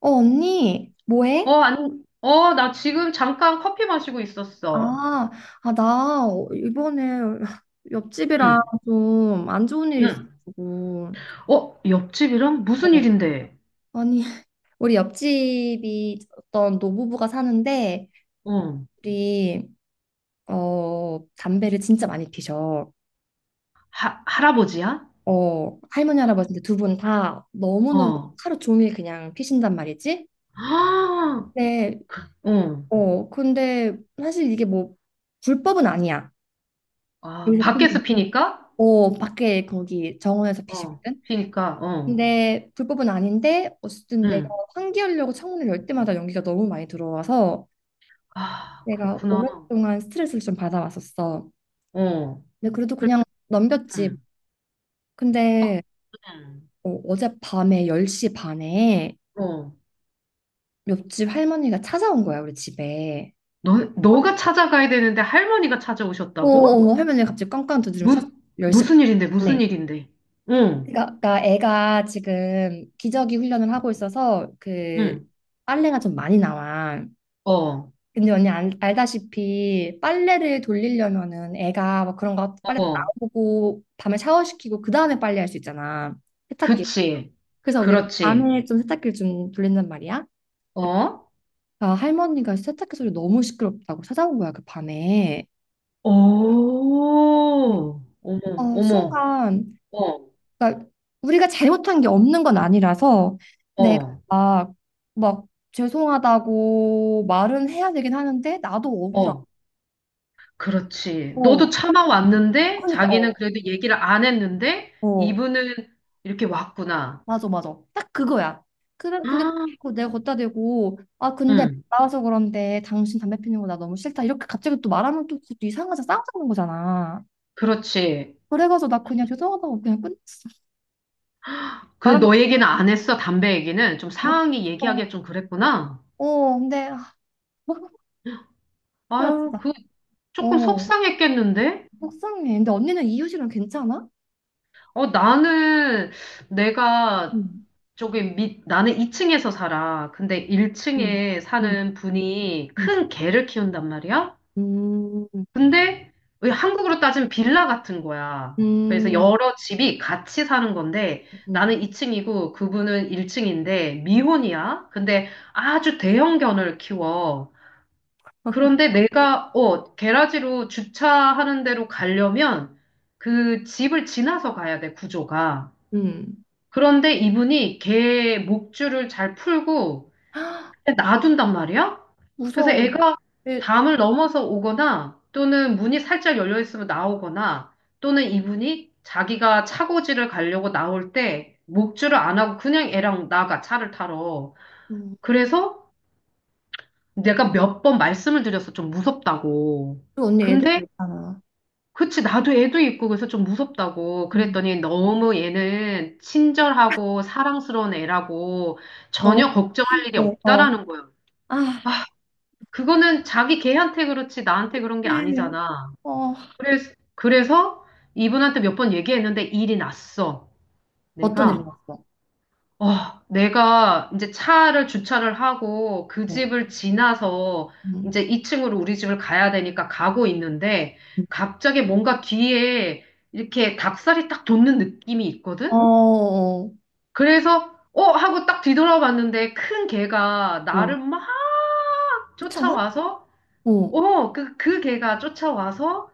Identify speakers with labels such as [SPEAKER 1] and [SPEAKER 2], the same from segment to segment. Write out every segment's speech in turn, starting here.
[SPEAKER 1] 어, 언니,
[SPEAKER 2] 어,
[SPEAKER 1] 뭐해?
[SPEAKER 2] 안, 어, 나 지금 잠깐 커피 마시고 있었어.
[SPEAKER 1] 아, 아, 나 이번에 옆집이랑
[SPEAKER 2] 응,
[SPEAKER 1] 좀 안 좋은 일이
[SPEAKER 2] 응.
[SPEAKER 1] 있어가지고.
[SPEAKER 2] 어, 옆집이랑 무슨
[SPEAKER 1] 어,
[SPEAKER 2] 일인데?
[SPEAKER 1] 아니, 우리 옆집이 어떤 노부부가 사는데,
[SPEAKER 2] 어,
[SPEAKER 1] 우리, 담배를 진짜 많이 피셔.
[SPEAKER 2] 할아버지야?
[SPEAKER 1] 할머니, 할아버지 두 분 다 너무너무
[SPEAKER 2] 어.
[SPEAKER 1] 하루 종일 그냥 피신단 말이지?
[SPEAKER 2] 아,
[SPEAKER 1] 네.
[SPEAKER 2] 어.
[SPEAKER 1] 근데 사실 이게 뭐, 불법은 아니야.
[SPEAKER 2] 아,
[SPEAKER 1] 여기서 피는 거.
[SPEAKER 2] 밖에서 피니까?
[SPEAKER 1] 밖에 거기 정원에서
[SPEAKER 2] 어,
[SPEAKER 1] 피시거든?
[SPEAKER 2] 피니까, 어.
[SPEAKER 1] 근데 불법은 아닌데 어쨌든 내가
[SPEAKER 2] 응.
[SPEAKER 1] 환기하려고 창문을 열 때마다 연기가 너무 많이 들어와서
[SPEAKER 2] 아,
[SPEAKER 1] 내가
[SPEAKER 2] 그렇구나.
[SPEAKER 1] 오랫동안 스트레스를 좀 받아왔었어.
[SPEAKER 2] 어.
[SPEAKER 1] 근데 그래도
[SPEAKER 2] 그래,
[SPEAKER 1] 그냥 넘겼지.
[SPEAKER 2] 응. 어,
[SPEAKER 1] 근데
[SPEAKER 2] 응.
[SPEAKER 1] 어젯밤에 10시 반에
[SPEAKER 2] 어.
[SPEAKER 1] 옆집 할머니가 찾아온 거야, 우리 집에.
[SPEAKER 2] 너가 찾아가야 되는데 할머니가 찾아오셨다고?
[SPEAKER 1] 할머니가 갑자기 깡깡 두드리면 찾아
[SPEAKER 2] 무,
[SPEAKER 1] 10시
[SPEAKER 2] 무슨 일인데, 무슨
[SPEAKER 1] 반에.
[SPEAKER 2] 일인데? 응,
[SPEAKER 1] 그러니까, 애가 지금 기저귀 훈련을 하고 있어서 그
[SPEAKER 2] 응.
[SPEAKER 1] 빨래가 좀 많이 나와.
[SPEAKER 2] 어,
[SPEAKER 1] 근데 언니 알다시피 빨래를 돌리려면은 애가 막 그런 거 빨래 다
[SPEAKER 2] 어.
[SPEAKER 1] 나오고 밤에 샤워시키고 그 다음에 빨래할 수 있잖아. 세탁기.
[SPEAKER 2] 그치.
[SPEAKER 1] 그래서 우리가
[SPEAKER 2] 그렇지.
[SPEAKER 1] 밤에 좀 세탁기를 좀 돌린단 말이야.
[SPEAKER 2] 어?
[SPEAKER 1] 아, 할머니가 세탁기 소리 너무 시끄럽다고 찾아온 거야 그 밤에.
[SPEAKER 2] 오,
[SPEAKER 1] 음.
[SPEAKER 2] 어머, 어머,
[SPEAKER 1] 순간
[SPEAKER 2] 어,
[SPEAKER 1] 그러니까 우리가 잘못한 게 없는 건 아니라서 내가
[SPEAKER 2] 어,
[SPEAKER 1] 막 죄송하다고 말은 해야 되긴 하는데 나도 억울하고.
[SPEAKER 2] 어. 그렇지. 너도 참아왔는데,
[SPEAKER 1] 그러니까,
[SPEAKER 2] 자기는
[SPEAKER 1] 어,
[SPEAKER 2] 그래도 얘기를 안 했는데,
[SPEAKER 1] 어.
[SPEAKER 2] 이분은 이렇게 왔구나.
[SPEAKER 1] 맞아, 맞아. 딱 그거야. 그래, 근데
[SPEAKER 2] 아,
[SPEAKER 1] 그거 내가 걷다 대고, 아, 근데
[SPEAKER 2] 응,
[SPEAKER 1] 나와서 그런데 당신 담배 피는 거 나 너무 싫다. 이렇게 갑자기 또 말하면 또 그것도 이상하자 싸우자는 거잖아.
[SPEAKER 2] 그렇지.
[SPEAKER 1] 그래가지고 나 그냥 죄송하다고 그냥 끝냈어.
[SPEAKER 2] 그
[SPEAKER 1] 말하면
[SPEAKER 2] 너 얘기는 안 했어, 담배 얘기는. 좀 상황이
[SPEAKER 1] 못했어.
[SPEAKER 2] 얘기하기가 좀 그랬구나.
[SPEAKER 1] 근데, 아, 뭐, 나
[SPEAKER 2] 아유,
[SPEAKER 1] 진짜.
[SPEAKER 2] 그 조금
[SPEAKER 1] 어,
[SPEAKER 2] 속상했겠는데?
[SPEAKER 1] 속상해. 근데 언니는 이웃이랑 괜찮아?
[SPEAKER 2] 어, 나는 내가
[SPEAKER 1] 응,
[SPEAKER 2] 나는 2층에서 살아. 근데
[SPEAKER 1] 응,
[SPEAKER 2] 1층에
[SPEAKER 1] 응,
[SPEAKER 2] 사는 분이
[SPEAKER 1] 응,
[SPEAKER 2] 큰 개를 키운단 말이야?
[SPEAKER 1] 음,
[SPEAKER 2] 근데 왜 한국으로 따지면 빌라 같은 거야. 그래서
[SPEAKER 1] 음,
[SPEAKER 2] 여러 집이 같이 사는 건데
[SPEAKER 1] 음,
[SPEAKER 2] 나는 2층이고 그분은 1층인데 미혼이야. 근데 아주 대형견을 키워. 그런데 내가 게라지로 주차하는 데로 가려면 그 집을 지나서 가야 돼, 구조가.
[SPEAKER 1] 음.
[SPEAKER 2] 그런데 이분이 개 목줄을 잘 풀고
[SPEAKER 1] 헉,
[SPEAKER 2] 놔둔단 말이야? 그래서
[SPEAKER 1] 무서워.
[SPEAKER 2] 애가
[SPEAKER 1] 애-
[SPEAKER 2] 담을 넘어서 오거나 또는 문이 살짝 열려 있으면 나오거나 또는 이분이 자기가 차고지를 가려고 나올 때 목줄을 안 하고 그냥 애랑 나가 차를 타러.
[SPEAKER 1] 음.
[SPEAKER 2] 그래서 내가 몇 번 말씀을 드려서 좀 무섭다고.
[SPEAKER 1] 그리고 언니 애들도
[SPEAKER 2] 근데
[SPEAKER 1] 있잖아.
[SPEAKER 2] 그치, 나도 애도 있고 그래서 좀 무섭다고 그랬더니 너무 얘는 친절하고 사랑스러운 애라고
[SPEAKER 1] 너무
[SPEAKER 2] 전혀 걱정할 일이
[SPEAKER 1] 힘들어.
[SPEAKER 2] 없다라는 거야.
[SPEAKER 1] 아,
[SPEAKER 2] 그거는 자기 걔한테 그렇지 나한테 그런 게
[SPEAKER 1] 사실,
[SPEAKER 2] 아니잖아.
[SPEAKER 1] 어,
[SPEAKER 2] 그래서, 이분한테 몇 번 얘기했는데 일이 났어.
[SPEAKER 1] 어떤
[SPEAKER 2] 내가,
[SPEAKER 1] 일이었어?
[SPEAKER 2] 내가 이제 차를 주차를 하고 그
[SPEAKER 1] 어,
[SPEAKER 2] 집을 지나서
[SPEAKER 1] 음.
[SPEAKER 2] 이제 2층으로 우리 집을 가야 되니까 가고 있는데 갑자기 뭔가 뒤에 이렇게 닭살이 딱 돋는 느낌이
[SPEAKER 1] 어,
[SPEAKER 2] 있거든?
[SPEAKER 1] 어,
[SPEAKER 2] 그래서, 어? 하고 딱 뒤돌아봤는데 큰 개가
[SPEAKER 1] 어.
[SPEAKER 2] 나를 막
[SPEAKER 1] 쫓아,
[SPEAKER 2] 쫓아와서
[SPEAKER 1] 어,
[SPEAKER 2] 오, 그 개가 쫓아와서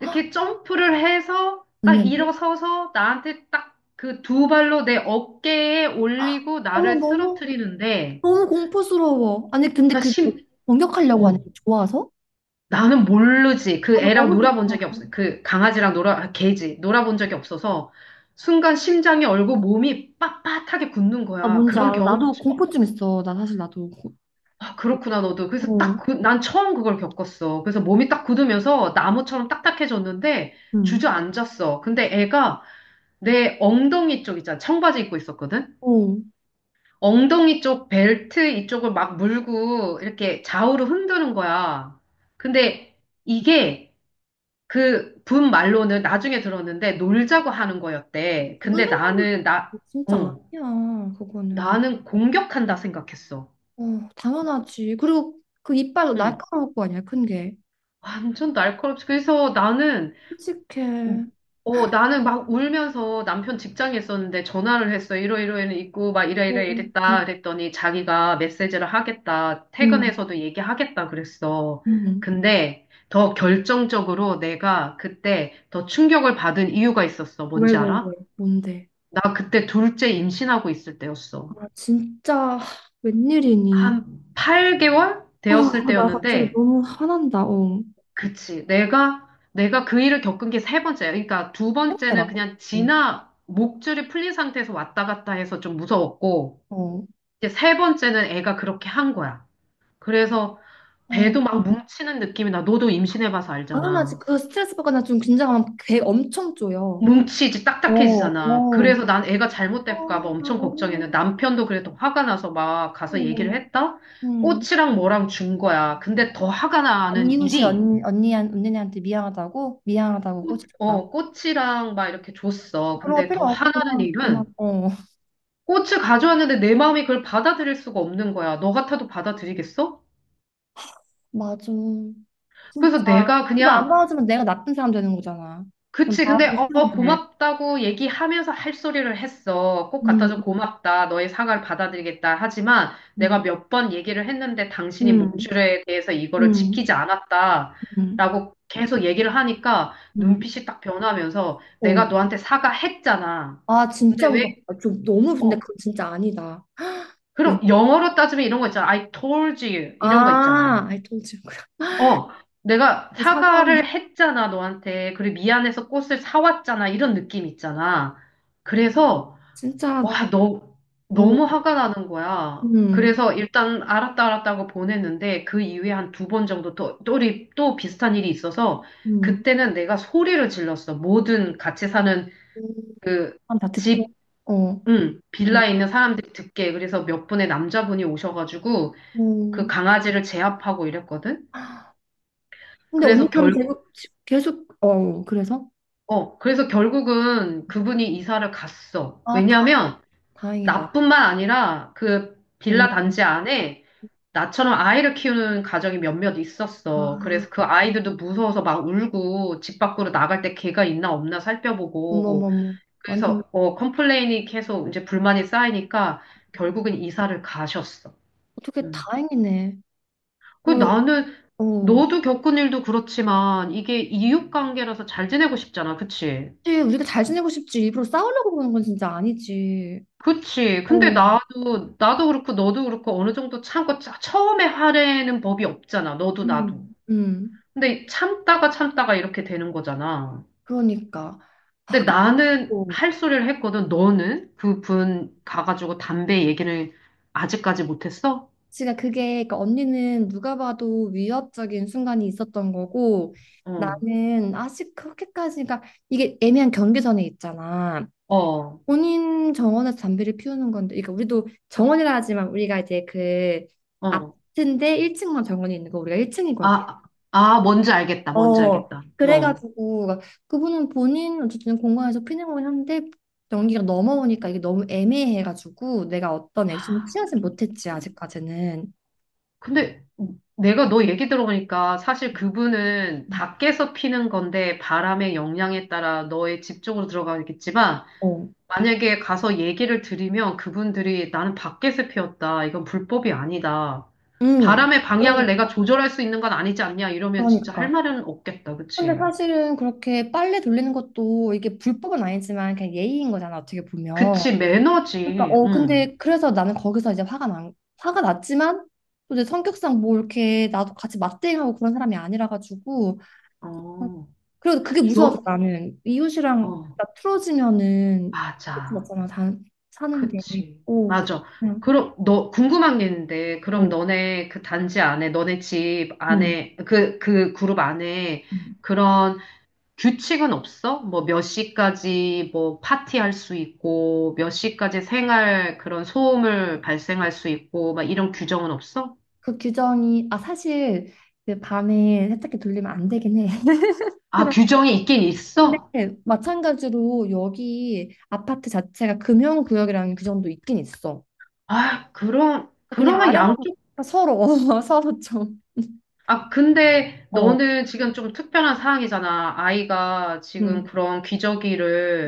[SPEAKER 2] 이렇게 점프를 해서 딱
[SPEAKER 1] 언니한테?
[SPEAKER 2] 일어서서 나한테 딱 그 두 발로 내 어깨에 올리고
[SPEAKER 1] 어머,
[SPEAKER 2] 나를
[SPEAKER 1] 너무,
[SPEAKER 2] 쓰러뜨리는데
[SPEAKER 1] 너무 공포스러워. 아니, 근데
[SPEAKER 2] 나
[SPEAKER 1] 그
[SPEAKER 2] 심,
[SPEAKER 1] 공격하려고 하는
[SPEAKER 2] 어,
[SPEAKER 1] 게 좋아서?
[SPEAKER 2] 나는 모르지. 그
[SPEAKER 1] 아, 나
[SPEAKER 2] 애랑
[SPEAKER 1] 너무
[SPEAKER 2] 놀아본 적이
[SPEAKER 1] 좋다.
[SPEAKER 2] 없어요. 그 강아지랑 놀아, 아, 개지. 놀아본 적이 없어서 순간 심장이 얼고 몸이 빳빳하게 굳는
[SPEAKER 1] 나
[SPEAKER 2] 거야.
[SPEAKER 1] 뭔지
[SPEAKER 2] 그런
[SPEAKER 1] 알아.
[SPEAKER 2] 경험을,
[SPEAKER 1] 나도
[SPEAKER 2] 처-
[SPEAKER 1] 공포증 있어. 나 사실 나도.
[SPEAKER 2] 아, 그렇구나, 너도. 그래서 딱,
[SPEAKER 1] 어,
[SPEAKER 2] 난 처음 그걸 겪었어. 그래서 몸이 딱 굳으면서 나무처럼 딱딱해졌는데
[SPEAKER 1] 응.
[SPEAKER 2] 주저앉았어. 근데 애가 내 엉덩이 쪽 있잖아. 청바지 입고 있었거든?
[SPEAKER 1] 어. 무슨
[SPEAKER 2] 엉덩이 쪽 벨트 이쪽을 막 물고 이렇게 좌우로 흔드는 거야. 근데 이게 그 분 말로는 나중에 들었는데 놀자고 하는 거였대. 근데
[SPEAKER 1] 생각이 들어? 진짜
[SPEAKER 2] 어,
[SPEAKER 1] 아니야, 그거는.
[SPEAKER 2] 나는 공격한다 생각했어.
[SPEAKER 1] 어, 당연하지. 그리고 그 이빨
[SPEAKER 2] 응.
[SPEAKER 1] 날카로울 거 아니야, 큰 게.
[SPEAKER 2] 완전 날카롭지. 그래서 나는
[SPEAKER 1] 끔찍해.
[SPEAKER 2] 어, 나는 막 울면서 남편 직장에 있었는데 전화를 했어. 이러이러해는 있고, 막
[SPEAKER 1] 어,
[SPEAKER 2] 이래이래
[SPEAKER 1] 어,
[SPEAKER 2] 이랬다. 그랬더니 자기가 메시지를 하겠다.
[SPEAKER 1] 응,
[SPEAKER 2] 퇴근해서도 얘기하겠다. 그랬어.
[SPEAKER 1] 응.
[SPEAKER 2] 근데 더 결정적으로 내가 그때 더 충격을 받은 이유가 있었어.
[SPEAKER 1] 왜,
[SPEAKER 2] 뭔지
[SPEAKER 1] 왜, 왜?
[SPEAKER 2] 알아?
[SPEAKER 1] 뭔데?
[SPEAKER 2] 나 그때 둘째 임신하고 있을 때였어.
[SPEAKER 1] 아, 진짜, 웬일이니?
[SPEAKER 2] 한 8개월
[SPEAKER 1] 아,
[SPEAKER 2] 되었을
[SPEAKER 1] 아, 나 갑자기
[SPEAKER 2] 때였는데,
[SPEAKER 1] 너무 화난다, 어.
[SPEAKER 2] 그치. 내가 그 일을 겪은 게 세 번째야. 그러니까 두 번째는
[SPEAKER 1] 힘들어.
[SPEAKER 2] 그냥
[SPEAKER 1] 응.
[SPEAKER 2] 지나 목줄이 풀린 상태에서 왔다 갔다 해서 좀 무서웠고,
[SPEAKER 1] 어.
[SPEAKER 2] 이제 세 번째는 애가 그렇게 한 거야. 그래서
[SPEAKER 1] 아,
[SPEAKER 2] 배도 막 뭉치는 느낌이 나. 너도 임신해봐서
[SPEAKER 1] 나는 아직
[SPEAKER 2] 알잖아.
[SPEAKER 1] 그 스트레스 받거나 좀 긴장하면 배 엄청 쪼여.
[SPEAKER 2] 뭉치지,
[SPEAKER 1] 어,
[SPEAKER 2] 딱딱해지잖아.
[SPEAKER 1] 어.
[SPEAKER 2] 그래서 난 애가
[SPEAKER 1] 아,
[SPEAKER 2] 잘못될까 봐
[SPEAKER 1] 나
[SPEAKER 2] 엄청 걱정했는데
[SPEAKER 1] 너무
[SPEAKER 2] 남편도 그래도 화가 나서 막 가서 얘기를
[SPEAKER 1] 힘들어.
[SPEAKER 2] 했다?
[SPEAKER 1] 음.
[SPEAKER 2] 꽃이랑 뭐랑 준 거야. 근데 더 화가
[SPEAKER 1] 아니,
[SPEAKER 2] 나는
[SPEAKER 1] 이웃이
[SPEAKER 2] 일이
[SPEAKER 1] 언니한테 미안하다고? 미안하다고
[SPEAKER 2] 꽃,
[SPEAKER 1] 꼬집혔다고?
[SPEAKER 2] 어, 꽃이랑 막 이렇게 줬어.
[SPEAKER 1] 그런 거
[SPEAKER 2] 근데
[SPEAKER 1] 필요
[SPEAKER 2] 더
[SPEAKER 1] 없고,
[SPEAKER 2] 화나는
[SPEAKER 1] 그냥, 그냥,
[SPEAKER 2] 일은
[SPEAKER 1] 어.
[SPEAKER 2] 꽃을 가져왔는데 내 마음이 그걸 받아들일 수가 없는 거야. 너 같아도 받아들이겠어?
[SPEAKER 1] 맞아. 진짜.
[SPEAKER 2] 그래서 내가
[SPEAKER 1] 그거 안
[SPEAKER 2] 그냥,
[SPEAKER 1] 봐주면 내가 나쁜 사람 되는 거잖아. 좀
[SPEAKER 2] 그치. 근데,
[SPEAKER 1] 봐주시면 돼.
[SPEAKER 2] 고맙다고 얘기하면서 할 소리를 했어. 꽃 갖다
[SPEAKER 1] 음,
[SPEAKER 2] 줘 고맙다. 너의 사과를 받아들이겠다. 하지만
[SPEAKER 1] 음,
[SPEAKER 2] 내가 몇 번 얘기를 했는데 당신이
[SPEAKER 1] 음,
[SPEAKER 2] 목줄에 대해서 이거를
[SPEAKER 1] 음,
[SPEAKER 2] 지키지 않았다.
[SPEAKER 1] 음,
[SPEAKER 2] 라고 계속 얘기를 하니까
[SPEAKER 1] 음.
[SPEAKER 2] 눈빛이 딱 변하면서 내가
[SPEAKER 1] 어.
[SPEAKER 2] 너한테 사과했잖아.
[SPEAKER 1] 아,
[SPEAKER 2] 근데
[SPEAKER 1] 진짜
[SPEAKER 2] 왜,
[SPEAKER 1] 무섭다. 좀 너무 근데
[SPEAKER 2] 어,
[SPEAKER 1] 그건 진짜 아니다. 왜?
[SPEAKER 2] 그럼 영어로 따지면 이런 거 있잖아. I told you. 이런 거 있잖아.
[SPEAKER 1] 아, I told you.
[SPEAKER 2] 어, 내가
[SPEAKER 1] 사과함.
[SPEAKER 2] 사과를 했잖아, 너한테. 그리고 미안해서 꽃을 사왔잖아. 이런 느낌 있잖아. 그래서,
[SPEAKER 1] 진짜.
[SPEAKER 2] 와, 너,
[SPEAKER 1] 어,
[SPEAKER 2] 너무 화가 나는 거야.
[SPEAKER 1] 음,
[SPEAKER 2] 그래서 일단 알았다, 알았다고 보냈는데, 그 이후에 한 두 번 정도 우리 또 비슷한 일이 있어서,
[SPEAKER 1] 음.
[SPEAKER 2] 그때는 내가 소리를 질렀어. 모든 같이 사는
[SPEAKER 1] 음,
[SPEAKER 2] 그
[SPEAKER 1] 다 듣게.
[SPEAKER 2] 집,
[SPEAKER 1] 어,
[SPEAKER 2] 응,
[SPEAKER 1] 어,
[SPEAKER 2] 빌라에 있는 사람들이 듣게. 그래서 몇 분의 남자분이 오셔가지고, 그
[SPEAKER 1] 음.
[SPEAKER 2] 강아지를 제압하고 이랬거든.
[SPEAKER 1] 근데 언니
[SPEAKER 2] 그래서
[SPEAKER 1] 그럼
[SPEAKER 2] 결국,
[SPEAKER 1] 계속, 그래서?
[SPEAKER 2] 그래서 결국은 그분이 이사를 갔어.
[SPEAKER 1] 아,
[SPEAKER 2] 왜냐면
[SPEAKER 1] 다행이다.
[SPEAKER 2] 나뿐만 아니라 그
[SPEAKER 1] 어,
[SPEAKER 2] 빌라 단지 안에 나처럼 아이를 키우는 가정이 몇몇
[SPEAKER 1] 아,
[SPEAKER 2] 있었어. 그래서 그 아이들도 무서워서 막 울고 집 밖으로 나갈 때 개가 있나 없나 살펴보고
[SPEAKER 1] 어머머머. 완전.
[SPEAKER 2] 그래서 컴플레인이 계속 이제 불만이 쌓이니까 결국은 이사를 가셨어.
[SPEAKER 1] 어떻게
[SPEAKER 2] 음.
[SPEAKER 1] 다행이네.
[SPEAKER 2] 그 나는
[SPEAKER 1] 그, 어.
[SPEAKER 2] 너도 겪은 일도 그렇지만 이게 이웃 관계라서 잘 지내고 싶잖아. 그치?
[SPEAKER 1] 사실 우리가 잘 지내고 싶지 일부러 싸우려고 그러는 건 진짜 아니지.
[SPEAKER 2] 그치. 근데
[SPEAKER 1] 어,
[SPEAKER 2] 나도 그렇고 너도 그렇고 어느 정도 참고 처음에 화내는 법이 없잖아. 너도 나도.
[SPEAKER 1] 음.
[SPEAKER 2] 근데 참다가 참다가 이렇게 되는 거잖아.
[SPEAKER 1] 그러니까.
[SPEAKER 2] 근데 나는
[SPEAKER 1] 어,
[SPEAKER 2] 할 소리를 했거든. 너는? 그분 가가지고 담배 얘기를 아직까지 못했어?
[SPEAKER 1] 제가 그게 그러니까 언니는 누가 봐도 위협적인 순간이 있었던 거고
[SPEAKER 2] 어,
[SPEAKER 1] 나는 아직 그렇게까지 가 이게 애매한 경계선에 있잖아.
[SPEAKER 2] 어,
[SPEAKER 1] 본인 정원에서 담배를 피우는 건데 그러니까 우리도 정원이라 하지만 우리가 이제 그
[SPEAKER 2] 어.
[SPEAKER 1] 아파트인데 1층만 정원이 있는 거 우리가 1층이거든.
[SPEAKER 2] 아, 아, 뭔지 알겠다. 뭔지 알겠다. 어.
[SPEAKER 1] 그래가지고 그분은 본인 어쨌든 공항에서 피는공을 하는데 연기가 넘어오니까 이게 너무 애매해가지고 내가 어떤 액션을
[SPEAKER 2] 아.
[SPEAKER 1] 취하진 못했지 아직까지는.
[SPEAKER 2] 근데 내가 너 얘기 들어보니까 사실 그분은 밖에서 피는 건데 바람의 영향에 따라 너의 집 쪽으로 들어가겠지만
[SPEAKER 1] 어,
[SPEAKER 2] 만약에 가서 얘기를 드리면 그분들이 나는 밖에서 피웠다. 이건 불법이 아니다.
[SPEAKER 1] 음.
[SPEAKER 2] 바람의
[SPEAKER 1] 그러-
[SPEAKER 2] 방향을 내가 조절할 수 있는 건 아니지 않냐 이러면 진짜 할
[SPEAKER 1] 그러니까.
[SPEAKER 2] 말은 없겠다.
[SPEAKER 1] 근데
[SPEAKER 2] 그치?
[SPEAKER 1] 사실은 그렇게 빨래 돌리는 것도 이게 불법은 아니지만 그냥 예의인 거잖아 어떻게 보면.
[SPEAKER 2] 그치,
[SPEAKER 1] 그러니까
[SPEAKER 2] 매너지. 응.
[SPEAKER 1] 근데 그래서 나는 거기서 이제 화가 났지만 또 이제 성격상 뭐 이렇게 나도 같이 맞대응하고 그런 사람이 아니라 가지고.
[SPEAKER 2] 어,
[SPEAKER 1] 그리고 그게 무서워서
[SPEAKER 2] 너,
[SPEAKER 1] 나는 이웃이랑
[SPEAKER 2] 어,
[SPEAKER 1] 나 틀어지면은
[SPEAKER 2] 맞아.
[SPEAKER 1] 맞잖아 다 사는데.
[SPEAKER 2] 그치.
[SPEAKER 1] 오.
[SPEAKER 2] 맞아.
[SPEAKER 1] 그냥.
[SPEAKER 2] 그럼, 너, 궁금한 게 있는데,
[SPEAKER 1] 어,
[SPEAKER 2] 그럼 너네 그 단지 안에, 너네 집
[SPEAKER 1] 음.
[SPEAKER 2] 안에, 그 그룹 안에
[SPEAKER 1] 음.
[SPEAKER 2] 그런 규칙은 없어? 뭐 몇 시까지 뭐 파티할 수 있고, 몇 시까지 생활 그런 소음을 발생할 수 있고, 막 이런 규정은 없어?
[SPEAKER 1] 그 규정이 아 사실 그 밤에 세탁기 돌리면 안 되긴 해.
[SPEAKER 2] 아,
[SPEAKER 1] 그런.
[SPEAKER 2] 규정이 있긴
[SPEAKER 1] 근데
[SPEAKER 2] 있어?
[SPEAKER 1] 마찬가지로 여기 아파트 자체가 금형구역이라는 규정도 있긴 있어.
[SPEAKER 2] 아, 그럼,
[SPEAKER 1] 그냥
[SPEAKER 2] 그러면
[SPEAKER 1] 아래만
[SPEAKER 2] 양쪽.
[SPEAKER 1] 서로 서로 좀.
[SPEAKER 2] 아, 근데
[SPEAKER 1] 어.
[SPEAKER 2] 너는 지금 좀 특별한 상황이잖아. 아이가 지금
[SPEAKER 1] 음.
[SPEAKER 2] 그런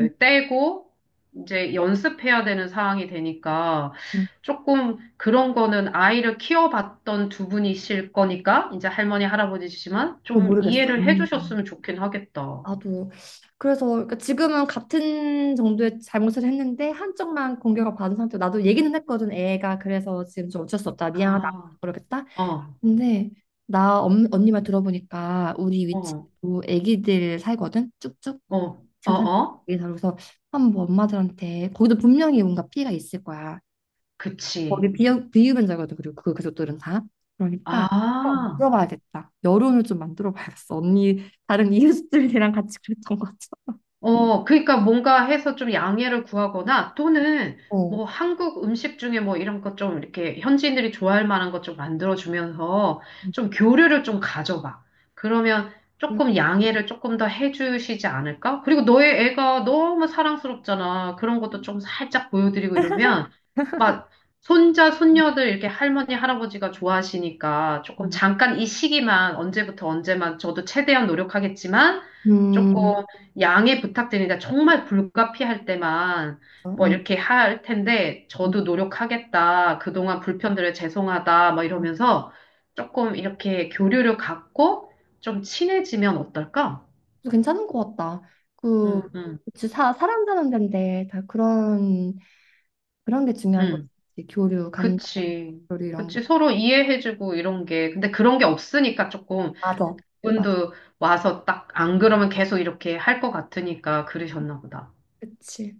[SPEAKER 1] 음.
[SPEAKER 2] 떼고 이제 연습해야 되는 상황이 되니까
[SPEAKER 1] 음.
[SPEAKER 2] 조금 그런 거는 아이를 키워봤던 두 분이실 거니까 이제 할머니, 할아버지시지만
[SPEAKER 1] 어,
[SPEAKER 2] 좀
[SPEAKER 1] 모르겠어.
[SPEAKER 2] 이해를
[SPEAKER 1] 음.
[SPEAKER 2] 해주셨으면 좋긴 하겠다.
[SPEAKER 1] 나도 그래서 그러니까 지금은 같은 정도의 잘못을 했는데 한쪽만 공격을 받은 상태로 나도 얘기는 했거든 애가 그래서 지금 좀 어쩔 수 없다 미안하다
[SPEAKER 2] 아,
[SPEAKER 1] 그러겠다.
[SPEAKER 2] 어,
[SPEAKER 1] 근데 나 언니 말 들어보니까 우리
[SPEAKER 2] 어,
[SPEAKER 1] 위치도 애기들 살거든 쭉쭉
[SPEAKER 2] 어, 어,
[SPEAKER 1] 증산
[SPEAKER 2] 어,
[SPEAKER 1] 애기들 살고. 그래서 한번 엄마들한테 거기도 분명히 뭔가 피해가 있을 거야. 거기
[SPEAKER 2] 그치.
[SPEAKER 1] 비유변자거든 그리고 그 가족들은 다. 그러니까 어,
[SPEAKER 2] 아.
[SPEAKER 1] 물어봐야겠다 여론을 좀 만들어 봐야겠어 언니 다른 이웃들이랑 같이 그랬던 것 같아.
[SPEAKER 2] 어, 그러니까 뭔가 해서 좀 양해를 구하거나 또는
[SPEAKER 1] 어.
[SPEAKER 2] 뭐 한국 음식 중에 뭐 이런 것 좀 이렇게 현지인들이 좋아할 만한 것 좀 만들어주면서 좀 교류를 좀 가져봐. 그러면
[SPEAKER 1] 음,
[SPEAKER 2] 조금 양해를 조금 더 해주시지 않을까? 그리고 너의 애가 너무 사랑스럽잖아. 그런 것도 좀 살짝 보여드리고 이러면 막 손자,
[SPEAKER 1] 음,
[SPEAKER 2] 손녀들 이렇게 할머니, 할아버지가 좋아하시니까 조금
[SPEAKER 1] 음,
[SPEAKER 2] 잠깐 이 시기만 언제부터 언제만 저도 최대한 노력하겠지만
[SPEAKER 1] 그
[SPEAKER 2] 조금
[SPEAKER 1] 래
[SPEAKER 2] 양해 부탁드립니다. 정말 불가피할 때만 뭐
[SPEAKER 1] 음,
[SPEAKER 2] 이렇게 할 텐데
[SPEAKER 1] 음.
[SPEAKER 2] 저도 노력하겠다. 그동안 불편드려 죄송하다. 뭐 이러면서 조금 이렇게 교류를 갖고 좀 친해지면 어떨까?
[SPEAKER 1] 괜찮은 것 같다. 그,
[SPEAKER 2] 응, 응,
[SPEAKER 1] 그치, 사람 사는 데인데 다 그런, 그런 게 중요한
[SPEAKER 2] 응.
[SPEAKER 1] 거지. 교류, 감정,
[SPEAKER 2] 그치.
[SPEAKER 1] 교류 이런 거.
[SPEAKER 2] 그치. 서로 이해해주고 이런 게. 근데 그런 게 없으니까 조금
[SPEAKER 1] 맞아. 맞아.
[SPEAKER 2] 분도 와서 딱 안 그러면 계속 이렇게 할 것 같으니까 그러셨나 보다.
[SPEAKER 1] 그치.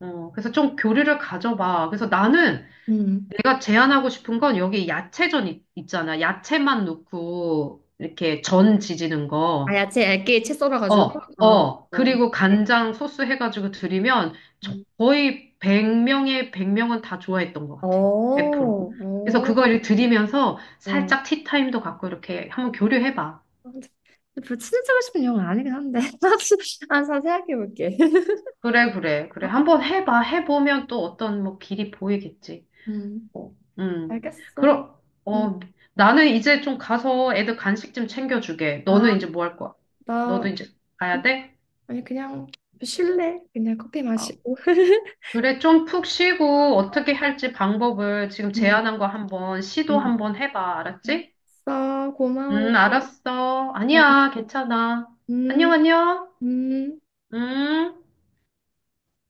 [SPEAKER 2] 어, 그래서 좀 교류를 가져봐. 그래서 나는
[SPEAKER 1] 음.
[SPEAKER 2] 내가 제안하고 싶은 건 여기 야채전 있잖아. 야채만 넣고 이렇게 전 지지는 거.
[SPEAKER 1] 아야, 채 얇게 채 썰어가지고.
[SPEAKER 2] 어,
[SPEAKER 1] 어,
[SPEAKER 2] 어.
[SPEAKER 1] 어.
[SPEAKER 2] 그리고
[SPEAKER 1] 네.
[SPEAKER 2] 간장 소스 해가지고 드리면
[SPEAKER 1] 음.
[SPEAKER 2] 거의 1 0 0명의 100명은 다 좋아했던 것
[SPEAKER 1] 어,
[SPEAKER 2] 같아. 100%. 그래서
[SPEAKER 1] 어,
[SPEAKER 2] 그거를 드리면서
[SPEAKER 1] 어.
[SPEAKER 2] 살짝 티타임도 갖고 이렇게 한번 교류해봐.
[SPEAKER 1] 별로 친해지고 싶은 영화 아니긴 한데. 아, 자, 생각해볼게.
[SPEAKER 2] 그래, 그래, 그래. 한번 해봐. 해보면 또 어떤 뭐 길이 보이겠지.
[SPEAKER 1] 음.
[SPEAKER 2] 음.
[SPEAKER 1] 알겠어.
[SPEAKER 2] 그럼,
[SPEAKER 1] 음.
[SPEAKER 2] 어, 나는 이제 좀 가서 애들 간식 좀 챙겨주게.
[SPEAKER 1] 아,
[SPEAKER 2] 너는 이제 뭐 할 거야? 너도
[SPEAKER 1] 나
[SPEAKER 2] 이제
[SPEAKER 1] 그,
[SPEAKER 2] 가야 돼?
[SPEAKER 1] 아니 그냥 쉴래? 그냥 커피
[SPEAKER 2] 어,
[SPEAKER 1] 마시고.
[SPEAKER 2] 그래, 좀 푹 쉬고 어떻게 할지 방법을 지금
[SPEAKER 1] 음,
[SPEAKER 2] 제안한 거 한번 시도
[SPEAKER 1] 음.
[SPEAKER 2] 한번 해봐. 알았지?
[SPEAKER 1] 알았어, 고마워.
[SPEAKER 2] 알았어. 아니야, 괜찮아.
[SPEAKER 1] 음,
[SPEAKER 2] 안녕, 안녕.
[SPEAKER 1] 음.
[SPEAKER 2] 음.